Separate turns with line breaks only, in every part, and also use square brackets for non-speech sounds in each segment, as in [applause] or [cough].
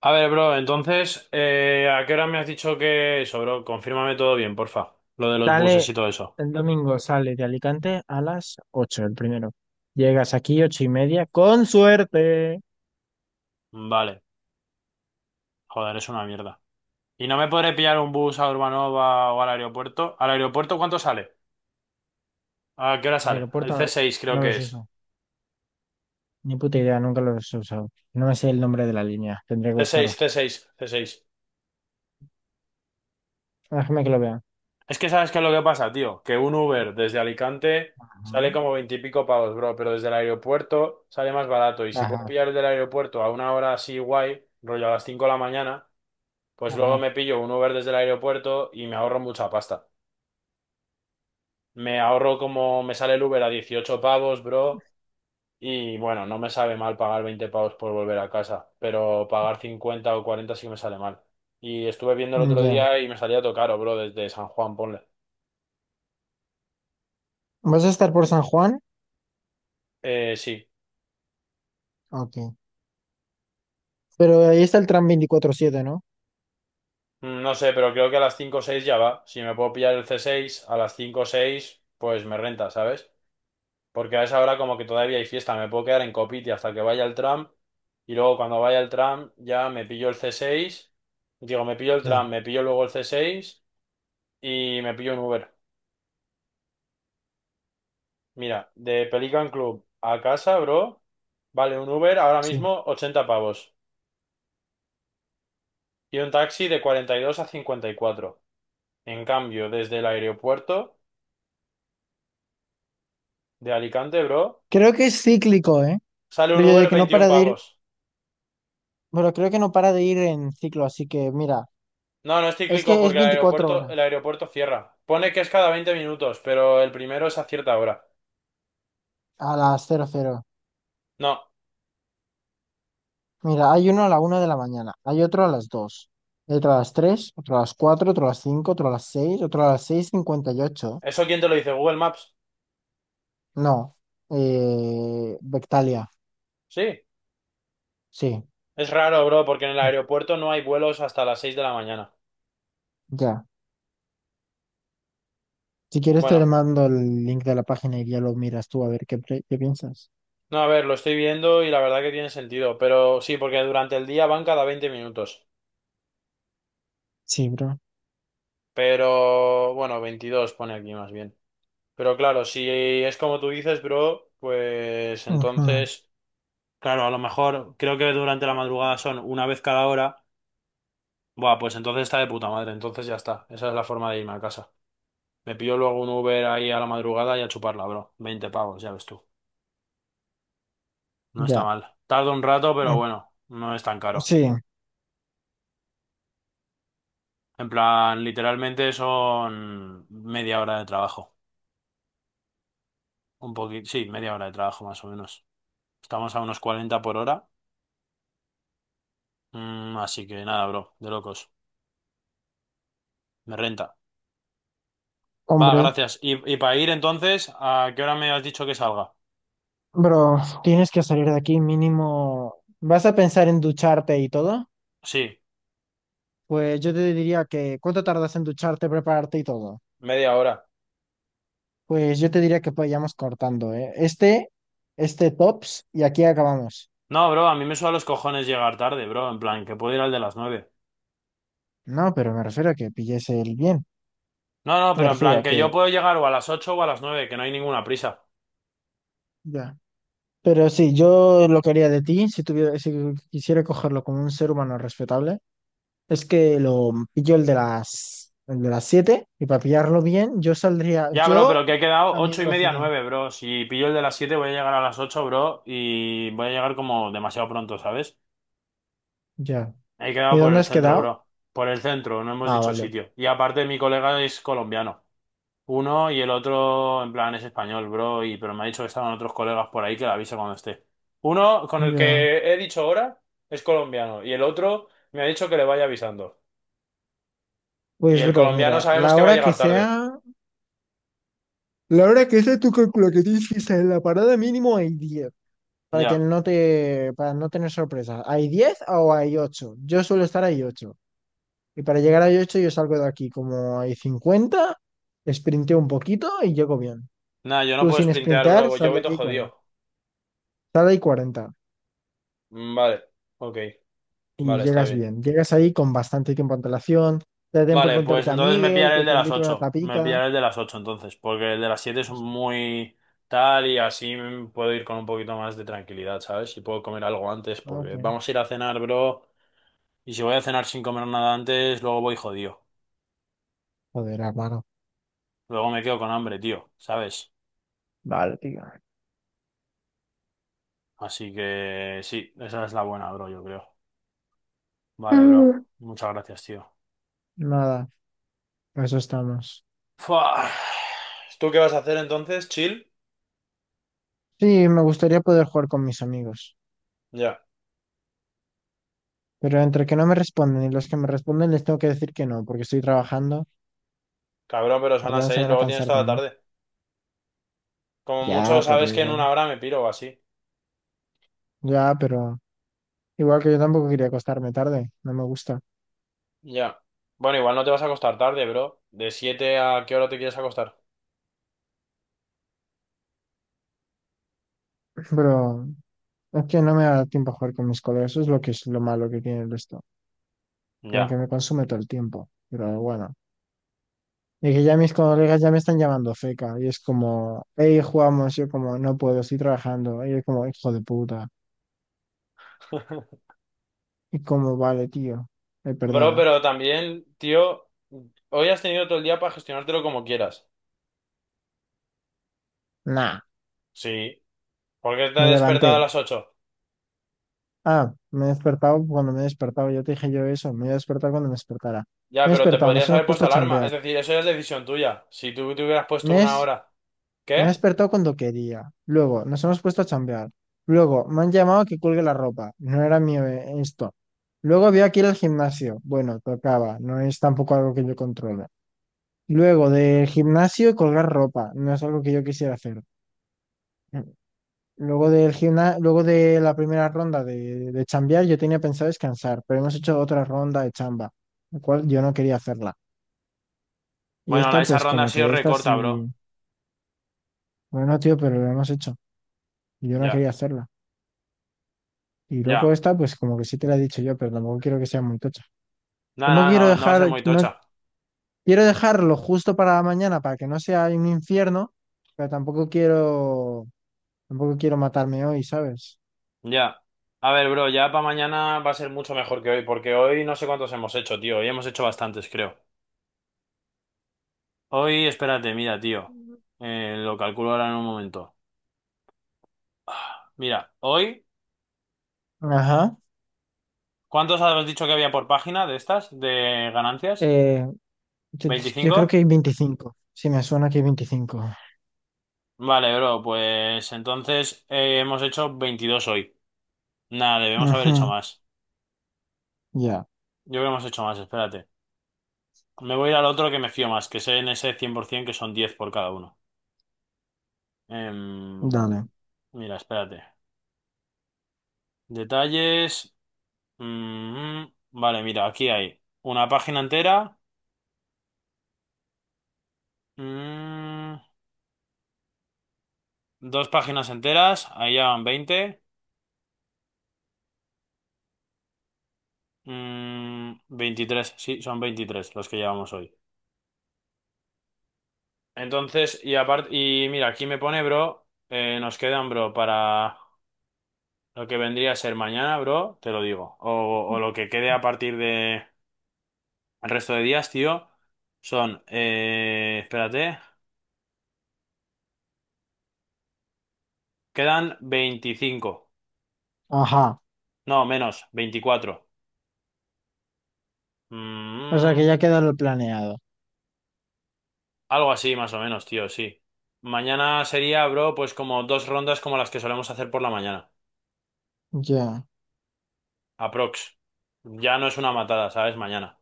A ver, bro, entonces, ¿a qué hora me has dicho que eso, bro? Confírmame todo bien, porfa. Lo de los buses
Sale
y todo eso.
el domingo, sale de Alicante a las 8 el primero. Llegas aquí 8:30, con suerte.
Vale, joder, es una mierda. ¿Y no me podré pillar un bus a Urbanova o al aeropuerto? ¿Al aeropuerto cuánto sale? ¿A qué hora
El
sale? El
aeropuerto no,
C seis, creo
no
que
los
es.
uso, ni puta idea, nunca los he usado. No me sé el nombre de la línea, tendré que
C
buscarlo.
seis, c seis, c seis.
Déjame que lo vea.
Es que sabes qué es lo que pasa, tío. Que un Uber desde Alicante sale
Ajá,
como veintipico pavos, bro, pero desde el aeropuerto sale más barato. Y si puedo
ajá,
pillar el del aeropuerto a una hora así guay, rollo a las 5 de la mañana. Pues luego
ajá.
me pillo un Uber desde el aeropuerto y me ahorro mucha pasta. Me ahorro como me sale el Uber a 18 pavos, bro. Y bueno, no me sabe mal pagar 20 pavos por volver a casa, pero pagar 50 o 40 sí me sale mal. Y estuve viendo el otro
Ya.
día y me salía todo caro, bro, desde San Juan, ponle.
¿Vas a estar por San Juan?
Sí.
Ok. Pero ahí está el tram 24/7, ¿no?
No sé, pero creo que a las 5 o 6 ya va. Si me puedo pillar el c seis a las 5 o 6, pues me renta, ¿sabes? Porque a esa hora como que todavía hay fiesta, me puedo quedar en Copiti hasta que vaya el tram y luego cuando vaya el tram ya me pillo el C6, digo, me pillo el
Ya,
tram, me pillo luego el C6 y me pillo un Uber. Mira, de Pelican Club a casa, bro, vale un Uber ahora
sí.
mismo 80 pavos y un taxi de 42 a 54. En cambio, desde el aeropuerto de Alicante, bro,
Creo que es cíclico, ¿eh?
sale un
Pero yo de
Uber
que no
21
para de ir,
pavos.
pero creo que no para de ir en ciclo, así que mira,
No, no es
es
cíclico
que es
porque el
24
aeropuerto, el
horas.
aeropuerto cierra. Pone que es cada 20 minutos, pero el primero es a cierta hora.
A las 00:00,
No,
mira, hay uno a la 1 de la mañana, hay otro a las 2, hay otro a las 3, otro a las 4, otro a las 5, otro a las 6, otro a las 6:58.
¿eso quién te lo dice? ¿Google Maps?
No, Bectalia,
Sí,
sí,
es raro, bro, porque en el aeropuerto no hay vuelos hasta las 6 de la mañana.
ya. Si quieres te
Bueno,
mando el link de la página y ya lo miras tú a ver qué piensas.
no, a ver, lo estoy viendo y la verdad que tiene sentido, pero sí, porque durante el día van cada 20 minutos.
Sí, bro.
Pero, bueno, 22 pone aquí más bien. Pero claro, si es como tú dices, bro, pues
Ujú.
entonces, claro, a lo mejor creo que durante la madrugada son una vez cada hora. Buah, pues entonces está de puta madre, entonces ya está. Esa es la forma de irme a casa. Me pillo luego un Uber ahí a la madrugada y a chuparla, bro. 20 pavos, ya ves tú. No está
Ya.
mal. Tarda un rato, pero
Mm.
bueno, no es tan caro.
Sí,
En plan, literalmente son media hora de trabajo. Un poquito, sí, media hora de trabajo más o menos. Estamos a unos 40 por hora. Así que nada, bro, de locos. Me renta. Va,
hombre.
gracias. Y para ir entonces, ¿a qué hora me has dicho que salga?
Bro, tienes que salir de aquí mínimo. ¿Vas a pensar en ducharte y todo?
Sí,
Pues yo te diría que, ¿cuánto tardas en ducharte, prepararte y todo?
media hora.
Pues yo te diría que vayamos cortando, ¿eh? Este tops y aquí acabamos.
No, bro, a mí me suda los cojones llegar tarde, bro. En plan, que puedo ir al de las 9.
No, pero me refiero a que pilles el bien.
No, no,
Me
pero en
refiero
plan,
a
que yo
que,
puedo llegar o a las 8 o a las 9, que no hay ninguna prisa.
ya. Pero sí, yo lo que haría de ti, si quisiera cogerlo como un ser humano respetable, es que lo pillo el de las 7, y para pillarlo bien, yo saldría,
Ya, bro,
yo
pero que he quedado
a mi
8 y media,
velocidad.
nueve, bro. Si pillo el de las 7, voy a llegar a las 8, bro. Y voy a llegar como demasiado pronto, ¿sabes?
Ya.
He
¿Y
quedado por
dónde
el
has
centro,
quedado?
bro. Por el centro, no hemos
Ah,
dicho
vale.
sitio. Y aparte, mi colega es colombiano. Uno y el otro, en plan, es español, bro, y, pero me ha dicho que estaban otros colegas por ahí que le aviso cuando esté. Uno con el
Ya.
que he dicho ahora es colombiano y el otro me ha dicho que le vaya avisando. Y
Pues
el
bro,
colombiano
mira,
sabemos
la
que va a
hora que
llegar tarde.
sea, la hora que sea, tú calcula que tienes que estar en la parada mínimo hay 10, para que
Ya.
no te, para no tener sorpresa. ¿Hay 10 o hay 8? Yo suelo estar ahí 8. Y para llegar a 8, yo salgo de aquí como hay 50, sprinteo un poquito y llego bien.
Nada, yo no
Tú
puedo
sin
sprintear,
sprintar,
bro, yo
sal de
voy todo
aquí 40,
jodido.
sal de ahí 40
Mm, vale, ok,
y
vale, está
llegas
bien.
bien. Llegas ahí con bastante tiempo de antelación, te da tiempo a
Vale, pues
encontrarte a
entonces me
Miguel,
pillaré
que
el de
te
las
invita a una
ocho Me
tapica.
pillaré el de las 8 entonces, porque el de las 7 es
Pues,
muy tal y así puedo ir con un poquito más de tranquilidad, ¿sabes? Y puedo comer algo antes, porque
ok.
vamos a ir a cenar, bro. Y si voy a cenar sin comer nada antes, luego voy jodido.
Joder, hermano.
Luego me quedo con hambre, tío, ¿sabes?
Vale,
Así que sí, esa es la buena, bro, yo creo. Vale, bro.
tío.
Muchas gracias, tío.
Nada, a eso estamos.
Fua. ¿Tú qué vas a hacer entonces? ¿Chill?
Sí, me gustaría poder jugar con mis amigos,
Ya.
pero entre que no me responden y los que me responden les tengo que decir que no, porque estoy trabajando,
Cabrón, pero
al
son las
final se
seis
van a
luego tienes
cansar de
toda la
mí.
tarde. Como
Ya,
mucho
pero
sabes que en
igual.
una hora me piro o así.
Ya, pero igual que yo tampoco quería acostarme tarde, no me gusta.
Ya. Bueno, igual no te vas a acostar tarde, bro. ¿De 7 a qué hora te quieres acostar?
Pero es que no me da tiempo a jugar con mis colegas, eso es lo que es lo malo que tiene esto. Como que
Ya.
me consume todo el tiempo, pero bueno. Y que ya mis colegas ya me están llamando feca, y es como, hey, jugamos, yo como, no puedo, estoy trabajando, y es como, hijo de puta.
[laughs]
Y como vale, tío. Eh,
Bro,
perdona.
pero también, tío, hoy has tenido todo el día para gestionártelo como quieras.
Nah,
Sí. ¿Por qué te
me
has despertado a
levanté.
las 8?
Ah, me he despertado cuando me he despertado. Ya te dije yo eso. Me he despertado cuando me despertara. Me
Ya,
he
pero te
despertado, nos
podrías
hemos
haber
puesto
puesto
a
alarma.
chambear.
Es decir, eso ya es decisión tuya. Si tú te hubieras puesto
Me,
una
es-
hora.
me he
¿Qué?
despertado cuando quería. Luego, nos hemos puesto a chambear. Luego, me han llamado a que cuelgue la ropa. No era mío, esto. Luego había aquí ir al gimnasio. Bueno, tocaba. No es tampoco algo que yo controle. Luego, del gimnasio, colgar ropa. No es algo que yo quisiera hacer. Luego de la primera ronda de chambear, yo tenía pensado descansar, pero hemos hecho otra ronda de chamba, la cual yo no quería hacerla. Y
Bueno, la,
esta,
esa
pues
ronda ha
como
sido
que esta
recorta,
sí,
bro.
bueno, tío, pero lo hemos hecho y yo no
Ya,
quería hacerla. Y luego
ya.
esta, pues como que sí te la he dicho yo, pero tampoco quiero que sea muy tocha.
No,
Tampoco
no, no,
quiero
no va a ser
dejar,
muy
no
tocha.
quiero dejarlo justo para mañana para que no sea un infierno, pero tampoco quiero matarme hoy, ¿sabes?
Ya. A ver, bro, ya para mañana va a ser mucho mejor que hoy, porque hoy no sé cuántos hemos hecho, tío. Hoy hemos hecho bastantes, creo. Hoy, espérate, mira, tío. Lo calculo ahora en un momento. Ah, mira, hoy,
Ajá.
¿cuántos habías dicho que había por página de estas, de ganancias?
Eh, Yo, yo creo que
25.
hay 25. Si me suena que hay 25.
Vale, bro, pues entonces hemos hecho 22 hoy. Nada, debemos haber
Ujú.
hecho más.
Ya,
Yo creo que hemos hecho más, espérate. Me voy a ir al otro, que me fío más, que sé en ese 100% que son diez por cada uno. Em,
dale.
mira, espérate. Detalles. Mm, vale, mira, aquí hay una página entera. Mm. Dos páginas enteras, ahí ya van 20. 23, sí, son 23 los que llevamos hoy. Entonces, y aparte, y mira, aquí me pone, bro, nos quedan, bro, para lo que vendría a ser mañana, bro, te lo digo. O lo que quede a partir de el resto de días, tío, son, espérate, quedan 25.
Ajá.
No, menos, 24.
O sea
Mm,
que ya queda lo planeado.
Algo así, más o menos, tío, sí. Mañana sería, bro, pues como dos rondas como las que solemos hacer por la mañana.
Ya.
Aprox. Ya no es una matada, ¿sabes? Mañana.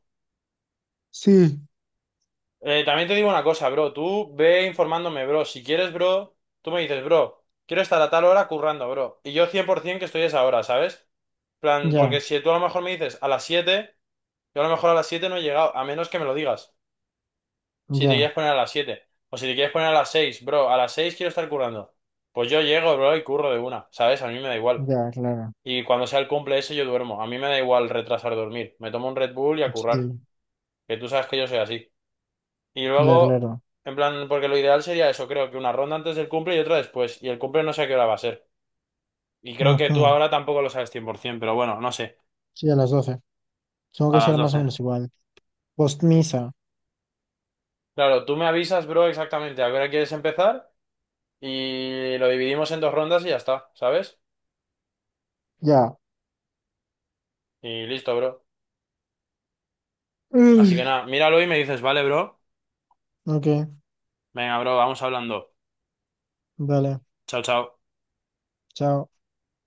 Sí,
También te digo una cosa, bro. Tú ve informándome, bro. Si quieres, bro, tú me dices, bro, quiero estar a tal hora currando, bro. Y yo 100% que estoy a esa hora, ¿sabes? Plan, porque
ya,
si tú a lo mejor me dices a las 7, yo a lo mejor a las 7 no he llegado, a menos que me lo digas. Si te
ya,
quieres poner a las 7, o si te quieres poner a las 6, bro. A las 6 quiero estar currando. Pues yo llego, bro, y curro de una. ¿Sabes? A mí me da igual.
ya, claro.
Y cuando sea el cumple ese, yo duermo. A mí me da igual retrasar dormir. Me tomo un Red Bull y a
Pues
currar.
sí,
Que tú sabes que yo soy así. Y
ya,
luego,
claro.
en plan, porque lo ideal sería eso, creo que una ronda antes del cumple y otra después. Y el cumple no sé a qué hora va a ser. Y creo que
Ujú.
tú ahora tampoco lo sabes 100%, pero bueno, no sé.
Sí, a las 12. Tengo
A
que
las
ser más o
doce
menos igual. Postmisa.
Claro, tú me avisas, bro, exactamente a qué hora quieres empezar. Y lo dividimos en dos rondas y ya está, ¿sabes?
Ya.
Y listo, bro. Así
Ugh.
que nada, míralo y me dices, vale, bro.
Ok,
Venga, bro, vamos hablando.
dale.
Chao, chao.
Chao.